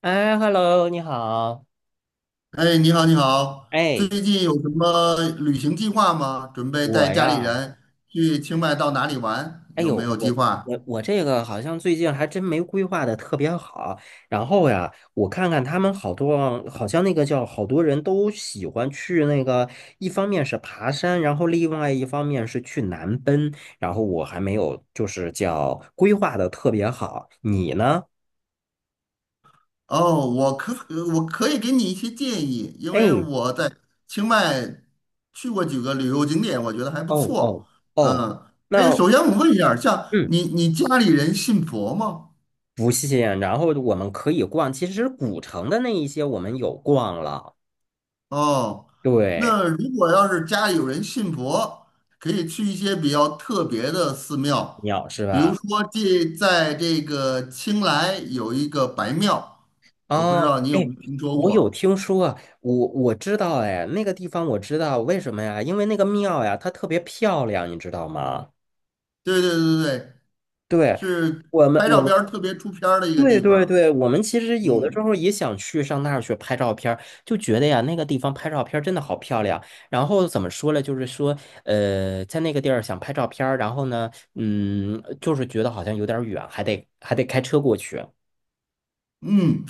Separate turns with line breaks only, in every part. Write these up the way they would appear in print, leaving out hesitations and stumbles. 哎，hello，你好。
哎，你好，你好，最
哎，
近有什么旅行计划吗？准备带
我
家里
呀，
人去清迈到哪里玩？
哎
有
呦，
没有计
我
划？
我我这个好像最近还真没规划的特别好。然后呀，我看看他们好多，好像那个叫好多人都喜欢去那个，一方面是爬山，然后另外一方面是去南奔。然后我还没有就是叫规划的特别好，你呢？
哦，我可以给你一些建议，因为
哎，
我在清迈去过几个旅游景点，我觉得还不
哦
错。
哦哦，
嗯，哎，
那
首先我问一下儿像
嗯。
你家里人信佛吗？
不信，然后我们可以逛，其实古城的那一些我们有逛了，
哦，
对，
那如果要是家里有人信佛，可以去一些比较特别的寺庙，
鸟是
比如
吧？
说在这个清莱有一个白庙，我不知
哦，
道你有
哎，
没有听说
我有
过？
听说啊我知道，哎，那个地方我知道，为什么呀？因为那个庙呀，它特别漂亮，你知道吗？
对对对对，
对，
是
我们
拍
我
照片
们
儿特别出片儿的一个
对
地
对
方。
对，我们其实有的时
嗯，
候也想去上那儿去拍照片儿，就觉得呀，那个地方拍照片儿真的好漂亮。然后怎么说呢？就是说，在那个地儿想拍照片儿，然后呢，就是觉得好像有点儿远，还得开车过去。
嗯，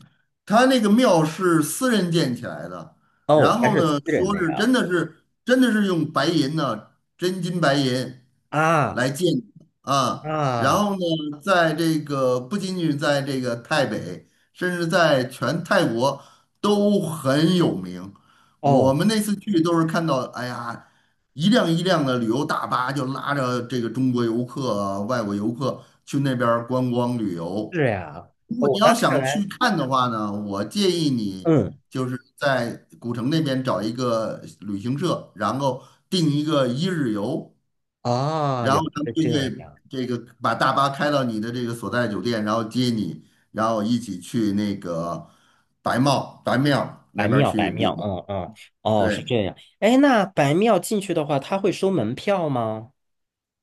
他那个庙是私人建起来的，
哦，
然
还
后
是私
呢，
人
说
的
是
呀？
真的是真的是用白银呢、真金白银
啊
来建的啊，然
啊，
后呢，在这个不仅仅在这个泰北，甚至在全泰国都很有名。我
哦，
们那次去都是看到，哎呀，一辆一辆的旅游大巴就拉着这个中国游客啊、外国游客去那边儿观光旅游。
是呀，
如果你
哦，那
要
看
想
来，
去看的话呢，我建议你
嗯，
就是在古城那边找一个旅行社，然后定一个一日游，
啊，
然
原
后
来
他们
是
就
这
会
样，
这个把大巴开到你的这个所在酒店，然后接你，然后一起去那个白庙
白
那边儿
庙，
去
白
旅
庙，
游。
嗯嗯，哦，是
对，
这样。哎，那白庙进去的话，他会收门票吗？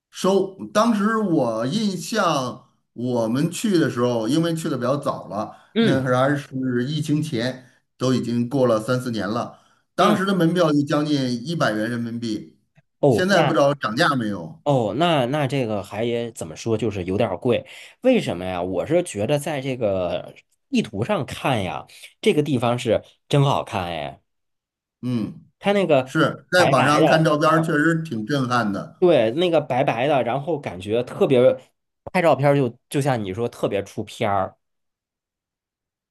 收，当时我印象，我们去的时候，因为去的比较早了，那
嗯
会儿还是疫情前，都已经过了三四年了。当
嗯，
时的门票就将近一百元人民币，
哦，
现在不知
那
道涨价没有。
哦，那这个还也怎么说，就是有点儿贵。为什么呀？我是觉得在这个地图上看呀，这个地方是真好看哎，
嗯，
它那个
是在
白
网
白
上看
的，
照片儿确
嗯，
实挺震撼的。
对，那个白白的，然后感觉特别，拍照片儿就像你说特别出片儿。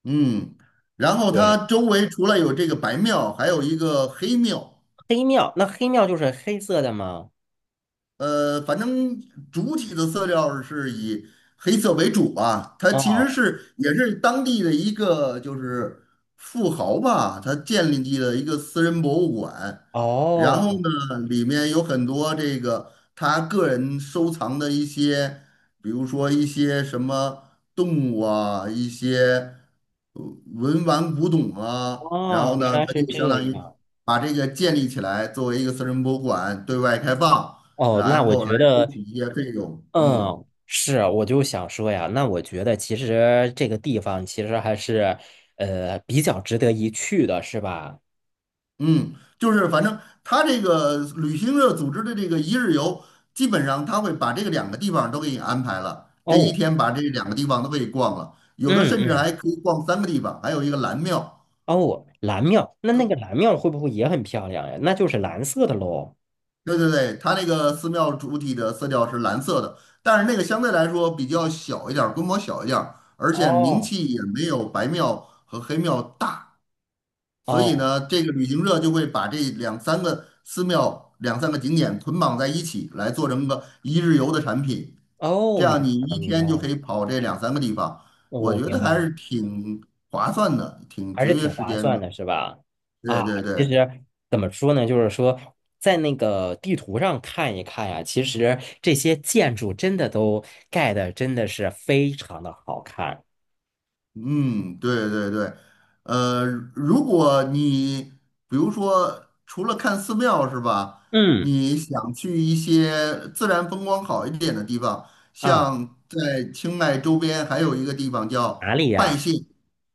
嗯，然后
对，
它周围除了有这个白庙，还有一个黑庙。
黑庙，那黑庙就是黑色的吗？
呃，反正主体的色调是以黑色为主吧。它其实
哦
是也是当地的一个就是富豪吧，他建立了一个私人博物馆，然后
哦
呢，里面有很多这个他个人收藏的一些，比如说一些什么动物啊，一些呃文玩古董啊，然
哦，
后
原
呢，
来
他
是
就
这
相当于
样。
把这个建立起来，作为一个私人博物馆对外开放。
哦，那
然
我
后来
觉
收
得。
取一些费用。嗯
嗯，是，我就想说呀，那我觉得其实这个地方其实还是，比较值得一去的，是吧？
嗯，就是反正他这个旅行社组织的这个一日游，基本上他会把这个两个地方都给你安排了，这一
哦，
天把这两个地方都给你逛了，有的
嗯
甚至
嗯，
还可以逛三个地方，还有一个蓝庙。
哦，蓝庙，那个蓝庙会不会也很漂亮呀？那就是蓝色的喽。
对对对，它那个寺庙主体的色调是蓝色的，但是那个相对来说比较小一点儿规模小一点儿而且名
哦
气也没有白庙和黑庙大。所以
哦
呢，这个旅行社就会把这两三个寺庙、两三个景点捆绑在一起，来做成个一日游的产品。
哦，
这
明
样你
白了，
一
明白
天就可以
了，
跑这两三个地方，我觉
明
得
白
还
了。
是挺划算的，挺
还
节
是
约
挺
时
划
间
算
的。
的，是吧？啊，
对对
其
对，
实怎么说呢，就是说在那个地图上看一看呀，其实这些建筑真的都盖的真的是非常的好看。
嗯，对对对，呃，如果你比如说除了看寺庙是吧，
嗯
你想去一些自然风光好一点的地方，
啊，
像在清迈周边还有一个地方叫拜县，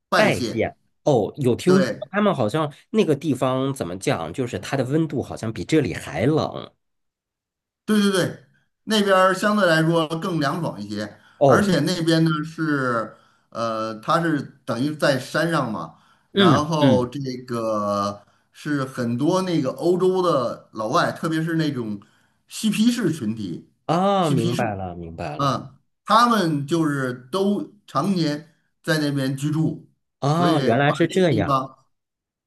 拜
拜
县，
县哦，有听说
对，
他们好像那个地方怎么讲，就是它的温度好像比这里还冷
对对对，那边儿相对来说更凉爽一些，而
哦。
且那边呢是，呃，它是等于在山上嘛，然
嗯
后
嗯，
这个是很多那个欧洲的老外，特别是那种嬉皮士群体，
啊，
嬉皮
明
士，
白了明白了，
嗯，他们就是都常年在那边居住，所
啊，
以
原来
把
是
那个
这
地
样。
方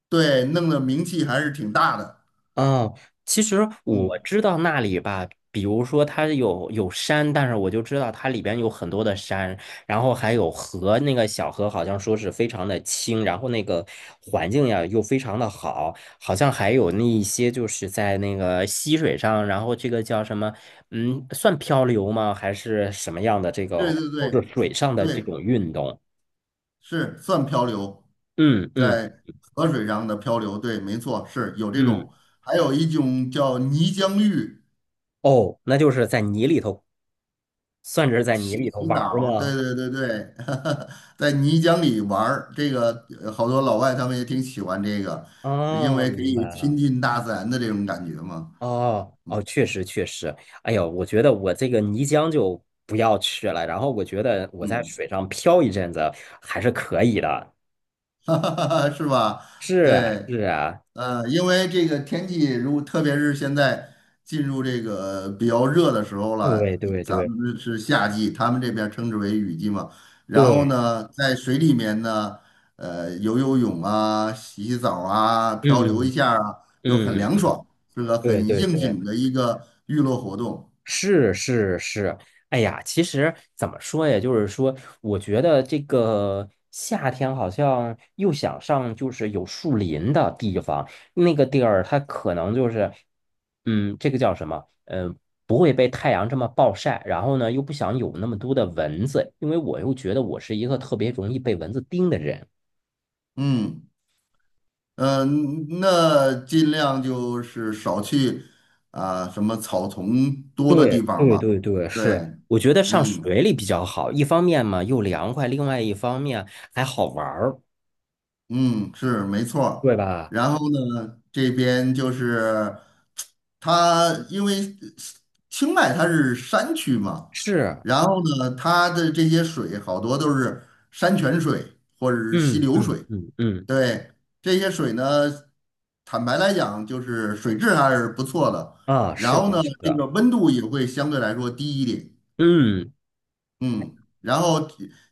对弄得名气还是挺大的，
嗯，其实我
嗯，
知道那里吧，比如说它有山，但是我就知道它里边有很多的山，然后还有河，那个小河好像说是非常的清，然后那个环境呀又非常的好，好像还有那一些就是在那个溪水上，然后这个叫什么，算漂流吗？还是什么样的这
对
个，
对
就是
对。
水上的这
对，
种运动？
是算漂流，
嗯嗯
在河水上的漂流，对，没错，是有这
嗯，
种，还有一种叫泥浆浴，
哦，那就是在泥里头，算是在泥
洗
里头
洗
玩儿
澡儿，对
吗？
对对对，在泥浆里玩儿，这个好多老外他们也挺喜欢这个，因
哦，
为可
明白
以亲
了。
近大自然的这种感觉嘛，
哦哦，确实确实。哎呦，我觉得我这个泥浆就不要去了。然后我觉得我在
嗯，
水上漂一阵子还是可以的。
是吧？
是啊
对。
是啊，
因为这个天气，如果特别是现在进入这个比较热的时候了，
对对
咱
对
们是夏季，他们这边称之为雨季嘛。然后
对，
呢，在水里面呢，游游泳啊、洗洗澡啊、漂流一
嗯
下啊，就很
嗯嗯
凉
嗯，
爽，是个
对
很
对
应
对。
景的一个娱乐活动。
是是是，哎呀，其实怎么说呀？就是说，我觉得这个夏天好像又想上就是有树林的地方，那个地儿它可能就是，这个叫什么？嗯、不会被太阳这么暴晒，然后呢又不想有那么多的蚊子，因为我又觉得我是一个特别容易被蚊子叮的人。
嗯嗯，那尽量就是少去啊、什么草丛多的地
对
方
对
吧。
对对，
对，
是，我觉得上
嗯。
水里比较好，一方面嘛又凉快，另外一方面还好玩儿，
嗯，是没错儿
对吧？
然后呢，这边就是它，因为清迈它是山区嘛，
是
然后呢，它的这些水好多都是山泉水或者是溪
嗯
流
嗯
水。
嗯嗯
对，这些水呢，坦白来讲，就是水质还是不错的。
啊，
然
是
后呢，
的，是
这个
的。
温度也会相对来说低一点。
嗯
嗯，然后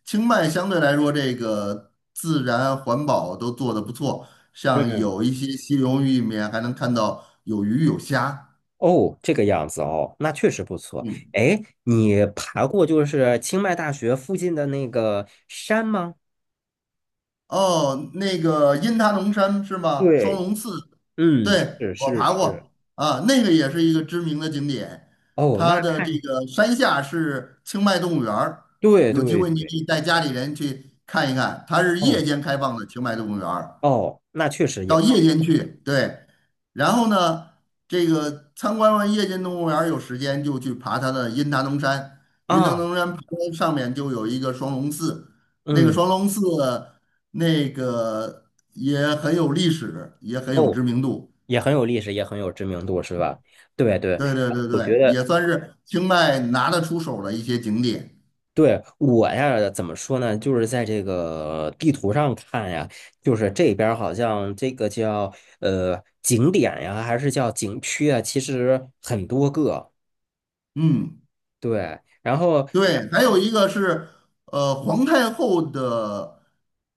清迈相对来说，这个自然环保都做得不错，像
嗯，
有一些溪流域里面还能看到有鱼有虾。
哦，这个样子哦，那确实不错。
嗯，
哎，你爬过就是清迈大学附近的那个山吗？
哦，那个阴他农山是吗？双
对，
龙寺，
嗯，
对，
是
我
是
爬
是。
过啊，那个也是一个知名的景点。
哦，那
它的这
看，
个山下是清迈动物园儿，
对
有机
对
会你可
对。
以带家里人去看一看，它是夜
哦
间开放的清迈动物园儿。
哦，那确实也
到夜间去，对。然后呢，这个参观完夜间动物园儿，有时间就去爬它的阴达能山。
不
阴达
啊，
能山爬到上面就有一个双龙寺，那个
嗯，
双龙寺那个也很有历史，也很有
哦，
知名度。
也很有历史，也很有知名度，是吧？对对，
对对对
我觉
对，
得。
也算是清迈拿得出手的一些景点。
对，我呀，怎么说呢？就是在这个地图上看呀，就是这边儿好像这个叫景点呀，还是叫景区啊，其实很多个。
嗯，
对，然后
对，还有一个是皇太后的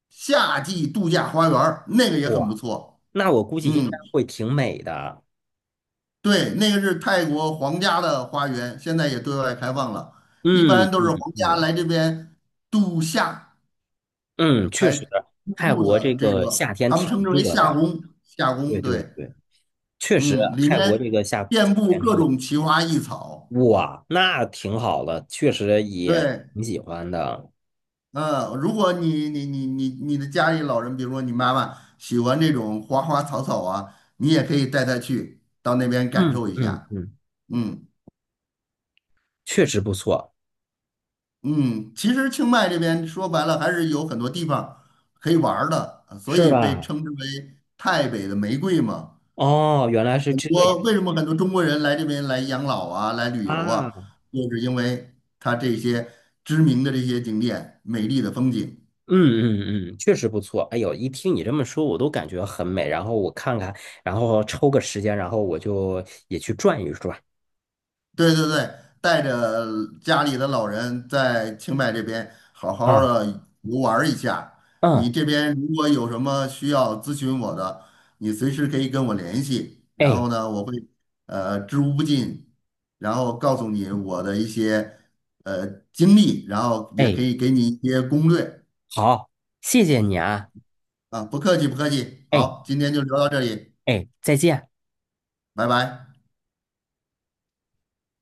夏季度假花园儿，那个也很不
哇，
错。
那我估计应该
嗯。
会挺美的。
对，那个是泰国皇家的花园，现在也对外开放了。一
嗯
般都是
嗯
皇家
嗯
来这边度夏
嗯，确
才
实，
入
泰
住
国这
的，这
个
个
夏天
他们
挺
称之为
热
夏
的。
宫。夏
对
宫，
对
对，
对，确实，
嗯，里
泰国这
面
个夏
遍布
天
各
热，
种奇花异草。
哇，那挺好的，确实也
对，
挺喜欢的。
嗯，如果你的家里老人，比如说你妈妈喜欢这种花花草草啊，你也可以带她去到那边感
嗯
受一
嗯
下。
嗯。
嗯。
确实不错。
嗯，其实清迈这边说白了还是有很多地方可以玩儿的，所
是
以被
吧？
称之为泰北的玫瑰嘛。
哦，原来是
很
这样
多为什么很多中国人来这边来养老啊，来旅游
啊！
啊，
嗯
就是因为它这些知名的这些景点、美丽的风景。
嗯嗯，确实不错。哎呦，一听你这么说，我都感觉很美。然后我看看，然后抽个时间，然后我就也去转一转。
对对对，带着家里的老人在清迈这边好好
啊，
的游玩儿一下。你
嗯，
这边如果有什么需要咨询我的，你随时可以跟我联系。然
哎
后呢，我会知无不尽，然后告诉你我的一些呃经历，然后也可
哎，
以给你一些攻略
好，谢谢你啊。
啊。不客气，不客气。
哎
好，今天就聊到这里，
哎，再见。
拜拜。